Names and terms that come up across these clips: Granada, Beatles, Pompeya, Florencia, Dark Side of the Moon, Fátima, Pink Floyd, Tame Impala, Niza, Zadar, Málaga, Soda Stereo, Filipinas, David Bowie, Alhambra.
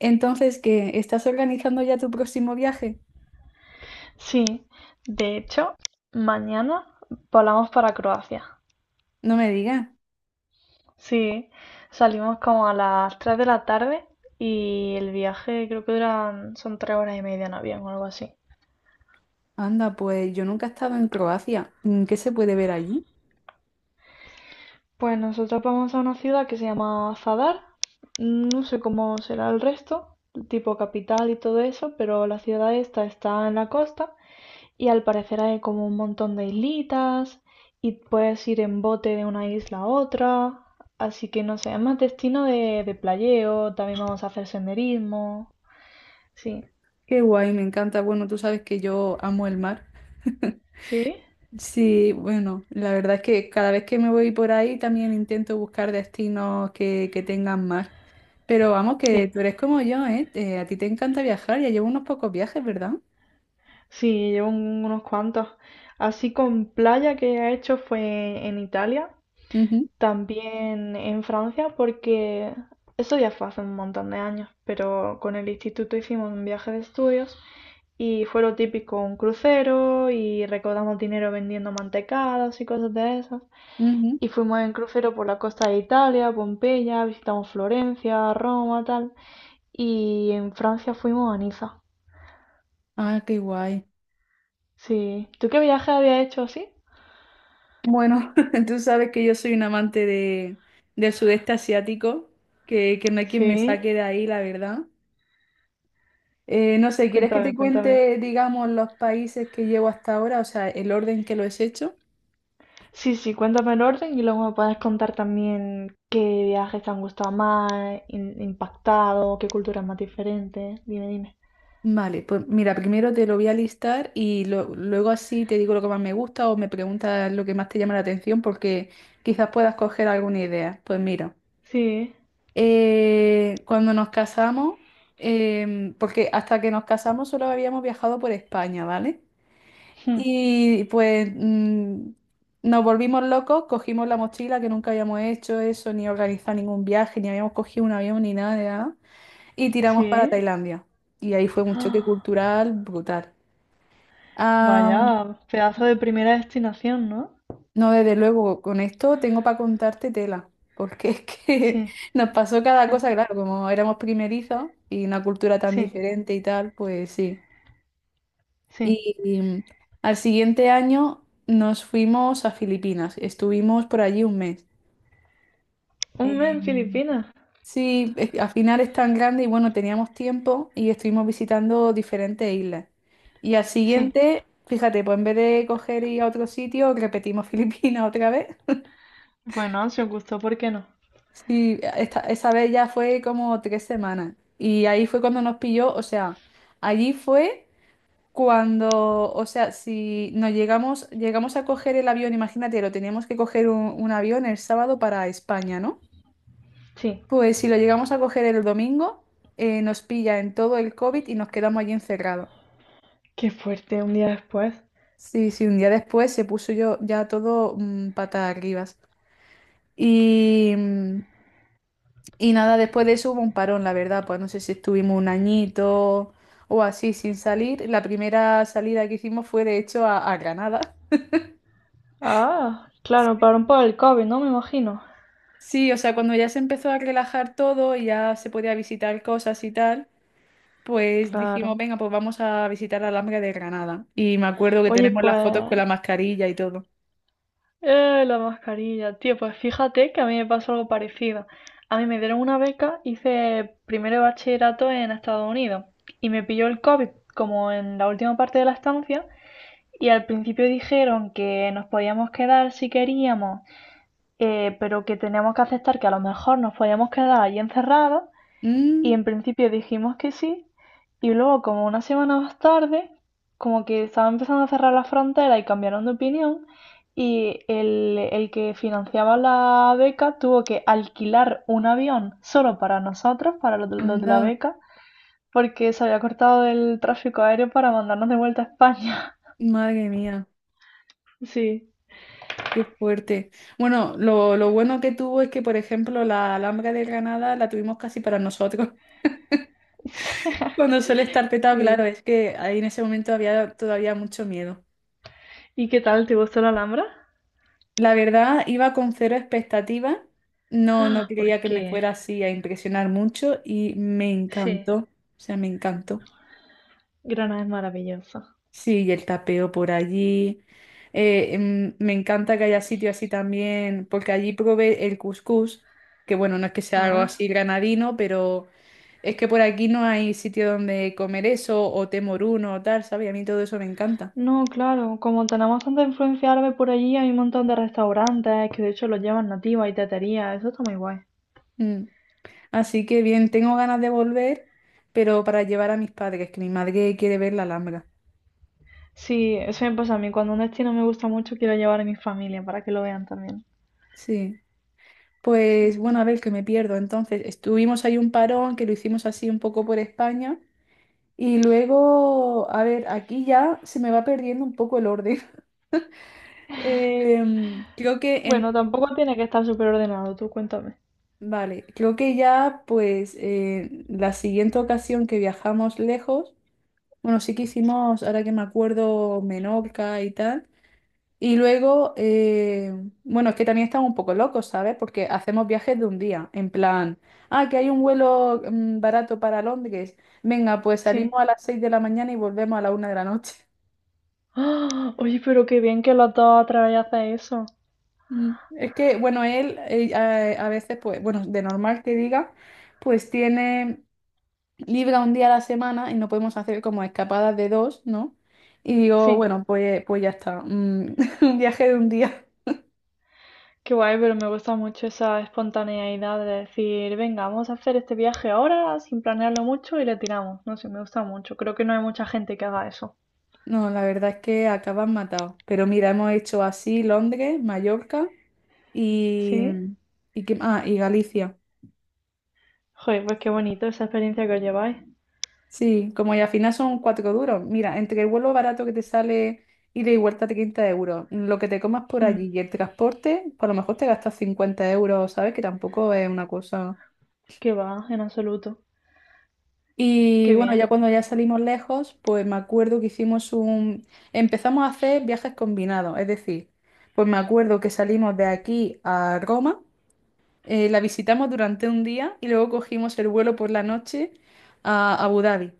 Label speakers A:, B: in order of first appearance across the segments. A: Entonces, ¿qué? ¿Estás organizando ya tu próximo viaje?
B: Sí, de hecho, mañana volamos para Croacia.
A: No me digas.
B: Sí, salimos como a las 3 de la tarde y el viaje creo que duran, son 3 horas y media en avión o algo así.
A: Anda, pues yo nunca he estado en Croacia. ¿Qué se puede ver allí?
B: Pues nosotros vamos a una ciudad que se llama Zadar. No sé cómo será el resto, tipo capital y todo eso, pero la ciudad esta está en la costa. Y al parecer hay como un montón de islitas y puedes ir en bote de una isla a otra. Así que no sé, es más destino de playeo, también vamos a hacer senderismo. Sí,
A: Qué guay, me encanta. Bueno, tú sabes que yo amo el mar.
B: sí,
A: Sí, bueno, la verdad es que cada vez que me voy por ahí también intento buscar destinos que tengan mar. Pero vamos, que
B: sí,
A: tú eres como yo, ¿eh? A ti te encanta viajar, ya llevo unos pocos viajes, ¿verdad?
B: sí, llevo unos cuantos. Así con playa que he hecho fue en Italia,
A: Ujú,
B: también en Francia, porque eso ya fue hace un montón de años, pero con el instituto hicimos un viaje de estudios. Y fue lo típico, un crucero y recaudamos dinero vendiendo mantecadas y cosas de esas.
A: ujú.
B: Y fuimos en crucero por la costa de Italia, Pompeya, visitamos Florencia, Roma, tal. Y en Francia fuimos a Niza.
A: Ah, qué guay.
B: Sí. ¿Tú qué viaje habías hecho así?
A: Bueno, tú sabes que yo soy un amante del sudeste asiático, que no hay quien me
B: Sí.
A: saque de ahí, la verdad. No sé, ¿quieres que
B: Cuéntame,
A: te
B: cuéntame.
A: cuente, digamos, los países que llevo hasta ahora? O sea, el orden que lo he hecho.
B: Sí, sí, cuéntame el orden y luego me puedes contar también qué viajes te han gustado más, impactado, qué cultura es más diferente. Dime, dime.
A: Vale, pues mira, primero te lo voy a listar y luego así te digo lo que más me gusta o me preguntas lo que más te llama la atención porque quizás puedas coger alguna idea. Pues mira,
B: Sí.
A: cuando nos casamos, porque hasta que nos casamos solo habíamos viajado por España, ¿vale?
B: Hmm.
A: Y pues nos volvimos locos, cogimos la mochila que nunca habíamos hecho eso, ni organizado ningún viaje, ni habíamos cogido un avión, ni nada, de nada, y tiramos para
B: Sí.
A: Tailandia. Y ahí fue un choque cultural brutal.
B: Vaya,
A: Ah,
B: pedazo de primera destinación, ¿no?
A: no, desde luego, con esto tengo para contarte tela, porque es que
B: Sí,
A: nos pasó cada cosa, claro, como éramos primerizos y una cultura tan
B: sí,
A: diferente y tal, pues sí.
B: sí.
A: Y al siguiente año nos fuimos a Filipinas. Estuvimos por allí un mes.
B: Un mes
A: Eh,
B: en Filipinas.
A: sí, al final es tan grande y bueno, teníamos tiempo y estuvimos visitando diferentes islas. Y al
B: Sí.
A: siguiente, fíjate, pues en vez de coger y ir a otro sitio, repetimos Filipinas otra vez.
B: Bueno, si os gustó, ¿por qué no?
A: Sí, esa vez ya fue como 3 semanas. Y ahí fue cuando nos pilló, o sea, allí fue. Cuando, o sea, si nos llegamos a coger el avión, imagínate, lo teníamos que coger un avión el sábado para España, ¿no?
B: Sí.
A: Pues si lo llegamos a coger el domingo, nos pilla en todo el COVID y nos quedamos allí encerrados.
B: Qué fuerte, un día después.
A: Sí, sí, un día después se puso yo ya todo patas arriba. Y, mm, y nada, después de eso hubo un parón, la verdad, pues no sé si estuvimos un añito o así sin salir. La primera salida que hicimos fue de hecho a Granada.
B: Ah, claro, pararon por el COVID, ¿no? Me imagino.
A: Sí, o sea, cuando ya se empezó a relajar todo y ya se podía visitar cosas y tal, pues dijimos,
B: Claro.
A: venga, pues vamos a visitar la Alhambra de Granada. Y me acuerdo que
B: Oye,
A: tenemos las fotos
B: pues.
A: con la mascarilla y todo.
B: La mascarilla, tío, pues fíjate que a mí me pasó algo parecido. A mí me dieron una beca, hice primero de bachillerato en Estados Unidos y me pilló el COVID como en la última parte de la estancia. Y al principio dijeron que nos podíamos quedar si queríamos, pero que teníamos que aceptar que a lo mejor nos podíamos quedar allí encerrados. Y
A: Mm,
B: en principio dijimos que sí. Y luego, como una semana más tarde, como que estaban empezando a cerrar la frontera y cambiaron de opinión. Y el que financiaba la beca tuvo que alquilar un avión solo para nosotros, para los de la
A: anda,
B: beca, porque se había cortado el tráfico aéreo para mandarnos de vuelta a España.
A: madre mía,
B: Sí.
A: qué fuerte. Bueno, lo bueno que tuvo es que, por ejemplo, la Alhambra de Granada la tuvimos casi para nosotros. Cuando suele estar petado, claro,
B: Sí.
A: es que ahí en ese momento había todavía mucho miedo.
B: ¿Y qué tal? ¿Te gustó la Alhambra?
A: La verdad, iba con cero expectativas. No, no
B: Ah,
A: creía que me
B: porque
A: fuera así a impresionar mucho y me
B: sí,
A: encantó. O sea, me encantó.
B: Granada es maravillosa.
A: Sí, y el tapeo por allí. Me encanta que haya sitio así también, porque allí probé el couscous, que bueno, no es que sea algo
B: Ah.
A: así granadino, pero es que por aquí no hay sitio donde comer eso, o temoruno o tal, ¿sabes? A mí todo eso me encanta.
B: No, claro, como tenemos tanta influencia árabe por allí, hay un montón de restaurantes que de hecho los llevan nativas y teterías, eso está muy guay.
A: Mm. Así que bien, tengo ganas de volver, pero para llevar a mis padres, que mi madre quiere ver la Alhambra.
B: Sí, eso me pasa a mí, cuando un destino me gusta mucho quiero llevar a mi familia para que lo vean también.
A: Sí.
B: Sí.
A: Pues bueno, a ver, que me pierdo. Entonces, estuvimos ahí un parón que lo hicimos así un poco por España. Y luego, a ver, aquí ya se me va perdiendo un poco el orden. Em, creo que en,
B: Bueno, tampoco tiene que estar súper ordenado, tú cuéntame.
A: vale, creo que ya pues la siguiente ocasión que viajamos lejos, bueno, sí que hicimos, ahora que me acuerdo, Menorca y tal. Y luego, bueno, es que también estamos un poco locos, ¿sabes? Porque hacemos viajes de un día, en plan, ah, que hay un vuelo barato para Londres. Venga, pues
B: Sí.
A: salimos a las 6 de la mañana y volvemos a la 1 de la noche.
B: ¡Ah! Oye, pero qué bien que los dos otra vez hacen eso.
A: Es que, bueno, él a veces, pues, bueno, de normal que diga, pues tiene libre un día a la semana y no podemos hacer como escapadas de dos, ¿no? Y digo,
B: Sí.
A: bueno, pues ya está, un viaje de un día.
B: Qué guay, pero me gusta mucho esa espontaneidad de decir, venga, vamos a hacer este viaje ahora sin planearlo mucho y le tiramos. No sé, me gusta mucho. Creo que no hay mucha gente que haga eso.
A: No, la verdad es que acaban matado. Pero mira, hemos hecho así Londres, Mallorca y,
B: ¿Sí?
A: y Galicia.
B: Joder, pues qué bonito esa experiencia que os lleváis.
A: Sí, como y al final son cuatro duros. Mira, entre el vuelo barato que te sale ida y vuelta 30 euros, lo que te comas por
B: Hmm,
A: allí y el transporte, por lo mejor te gastas 50 euros, ¿sabes? Que tampoco es una cosa.
B: qué va, en absoluto.
A: Y
B: Qué
A: bueno,
B: bien.
A: ya cuando ya salimos lejos, pues me acuerdo que hicimos. Empezamos a hacer viajes combinados, es decir, pues me acuerdo que salimos de aquí a Roma. La visitamos durante un día y luego cogimos el vuelo por la noche a Abu Dhabi.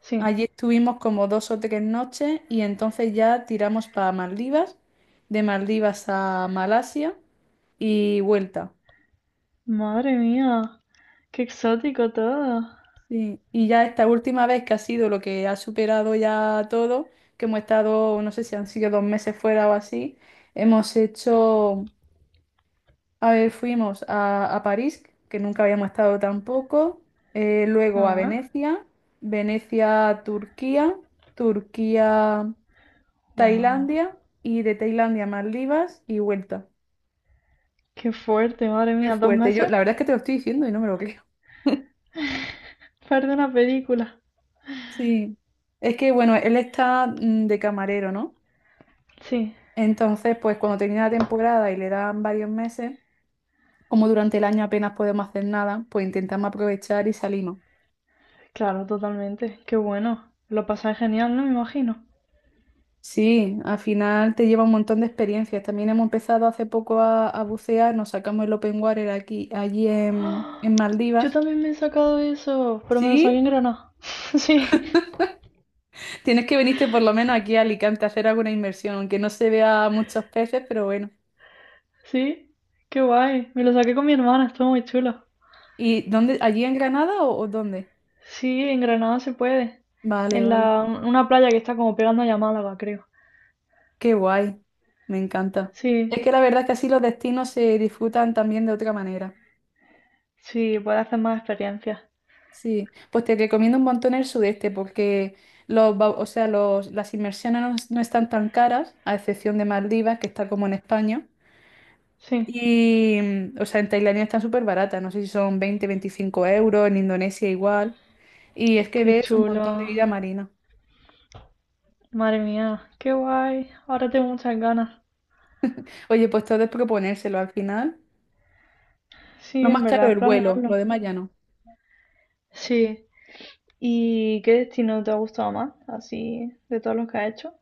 B: Sí.
A: Allí estuvimos como 2 o 3 noches y entonces ya tiramos para Maldivas, de Maldivas a Malasia y vuelta.
B: Madre mía, qué exótico todo.
A: Sí. Y ya esta última vez que ha sido lo que ha superado ya todo, que hemos estado, no sé si han sido 2 meses fuera o así, hemos hecho. A ver, fuimos a París, que nunca habíamos estado tampoco, luego a
B: Ah,
A: Venecia, Venecia, Turquía, Turquía,
B: wow.
A: Tailandia y de Tailandia, Maldivas y vuelta.
B: Qué fuerte, madre
A: Muy
B: mía, dos
A: fuerte. Yo,
B: meses.
A: la verdad es que te lo estoy diciendo y no me lo creo.
B: Parte de una película.
A: Sí. Es que, bueno, él está de camarero, ¿no?
B: Sí,
A: Entonces, pues cuando termina la temporada y le dan varios meses, como durante el año apenas podemos hacer nada, pues intentamos aprovechar y salimos.
B: claro, totalmente. Qué bueno. Lo pasáis genial, ¿no? Me imagino.
A: Sí, al final te lleva un montón de experiencias. También hemos empezado hace poco a bucear, nos sacamos el open water aquí, allí en
B: Yo
A: Maldivas.
B: también me he sacado eso, pero me lo saqué
A: Sí,
B: en Granada. Sí,
A: tienes que venirte por lo menos aquí a Alicante a hacer alguna inmersión, aunque no se vea muchos peces, pero bueno.
B: sí, qué guay. Me lo saqué con mi hermana, estuvo muy chulo.
A: ¿Y dónde? ¿Allí en Granada o dónde?
B: Sí, en Granada se puede.
A: Vale,
B: En
A: vale.
B: la, una playa que está como pegando a Málaga, creo.
A: Qué guay, me encanta.
B: Sí,
A: Es que la verdad es que así los destinos se disfrutan también de otra manera.
B: sí, puede hacer más experiencias.
A: Sí, pues te recomiendo un montón el sudeste porque o sea, las inmersiones no, no están tan caras, a excepción de Maldivas, que está como en España.
B: Sí,
A: Y, o sea, en Tailandia están súper baratas, no sé si son 20, 25 euros, en Indonesia igual. Y es que
B: qué
A: ves un
B: chulo.
A: montón de vida marina.
B: Madre mía, qué guay. Ahora tengo muchas ganas.
A: Oye, pues todo es proponérselo al final.
B: Sí,
A: Lo
B: en
A: más caro es
B: verdad,
A: el vuelo, lo
B: planearlo.
A: demás ya no.
B: Sí. ¿Y qué destino te ha gustado más? Así, de todos los que has hecho.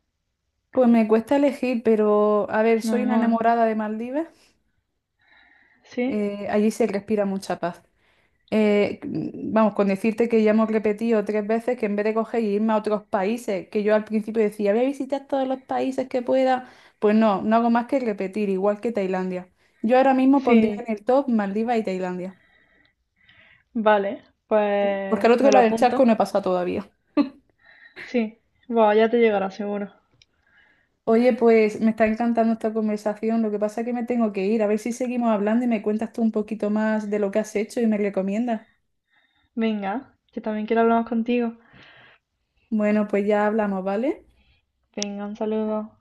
A: Pues me cuesta elegir, pero a ver, soy una
B: Normal.
A: enamorada de Maldivas.
B: Sí,
A: Allí se respira mucha paz. Vamos, con decirte que ya hemos repetido 3 veces que en vez de coger y irme a otros países, que yo al principio decía, voy a visitar todos los países que pueda, pues no, no hago más que repetir, igual que Tailandia. Yo ahora mismo pondría
B: sí.
A: en el top Maldivas y Tailandia,
B: Vale,
A: porque
B: pues
A: al otro
B: me lo
A: lado del charco
B: apunto.
A: no he pasado todavía.
B: Sí, bueno, ya te llegará seguro.
A: Oye, pues me está encantando esta conversación, lo que pasa es que me tengo que ir, a ver si seguimos hablando y me cuentas tú un poquito más de lo que has hecho y me recomiendas.
B: Venga, que también quiero hablar más contigo.
A: Bueno, pues ya hablamos, ¿vale?
B: Venga, un saludo.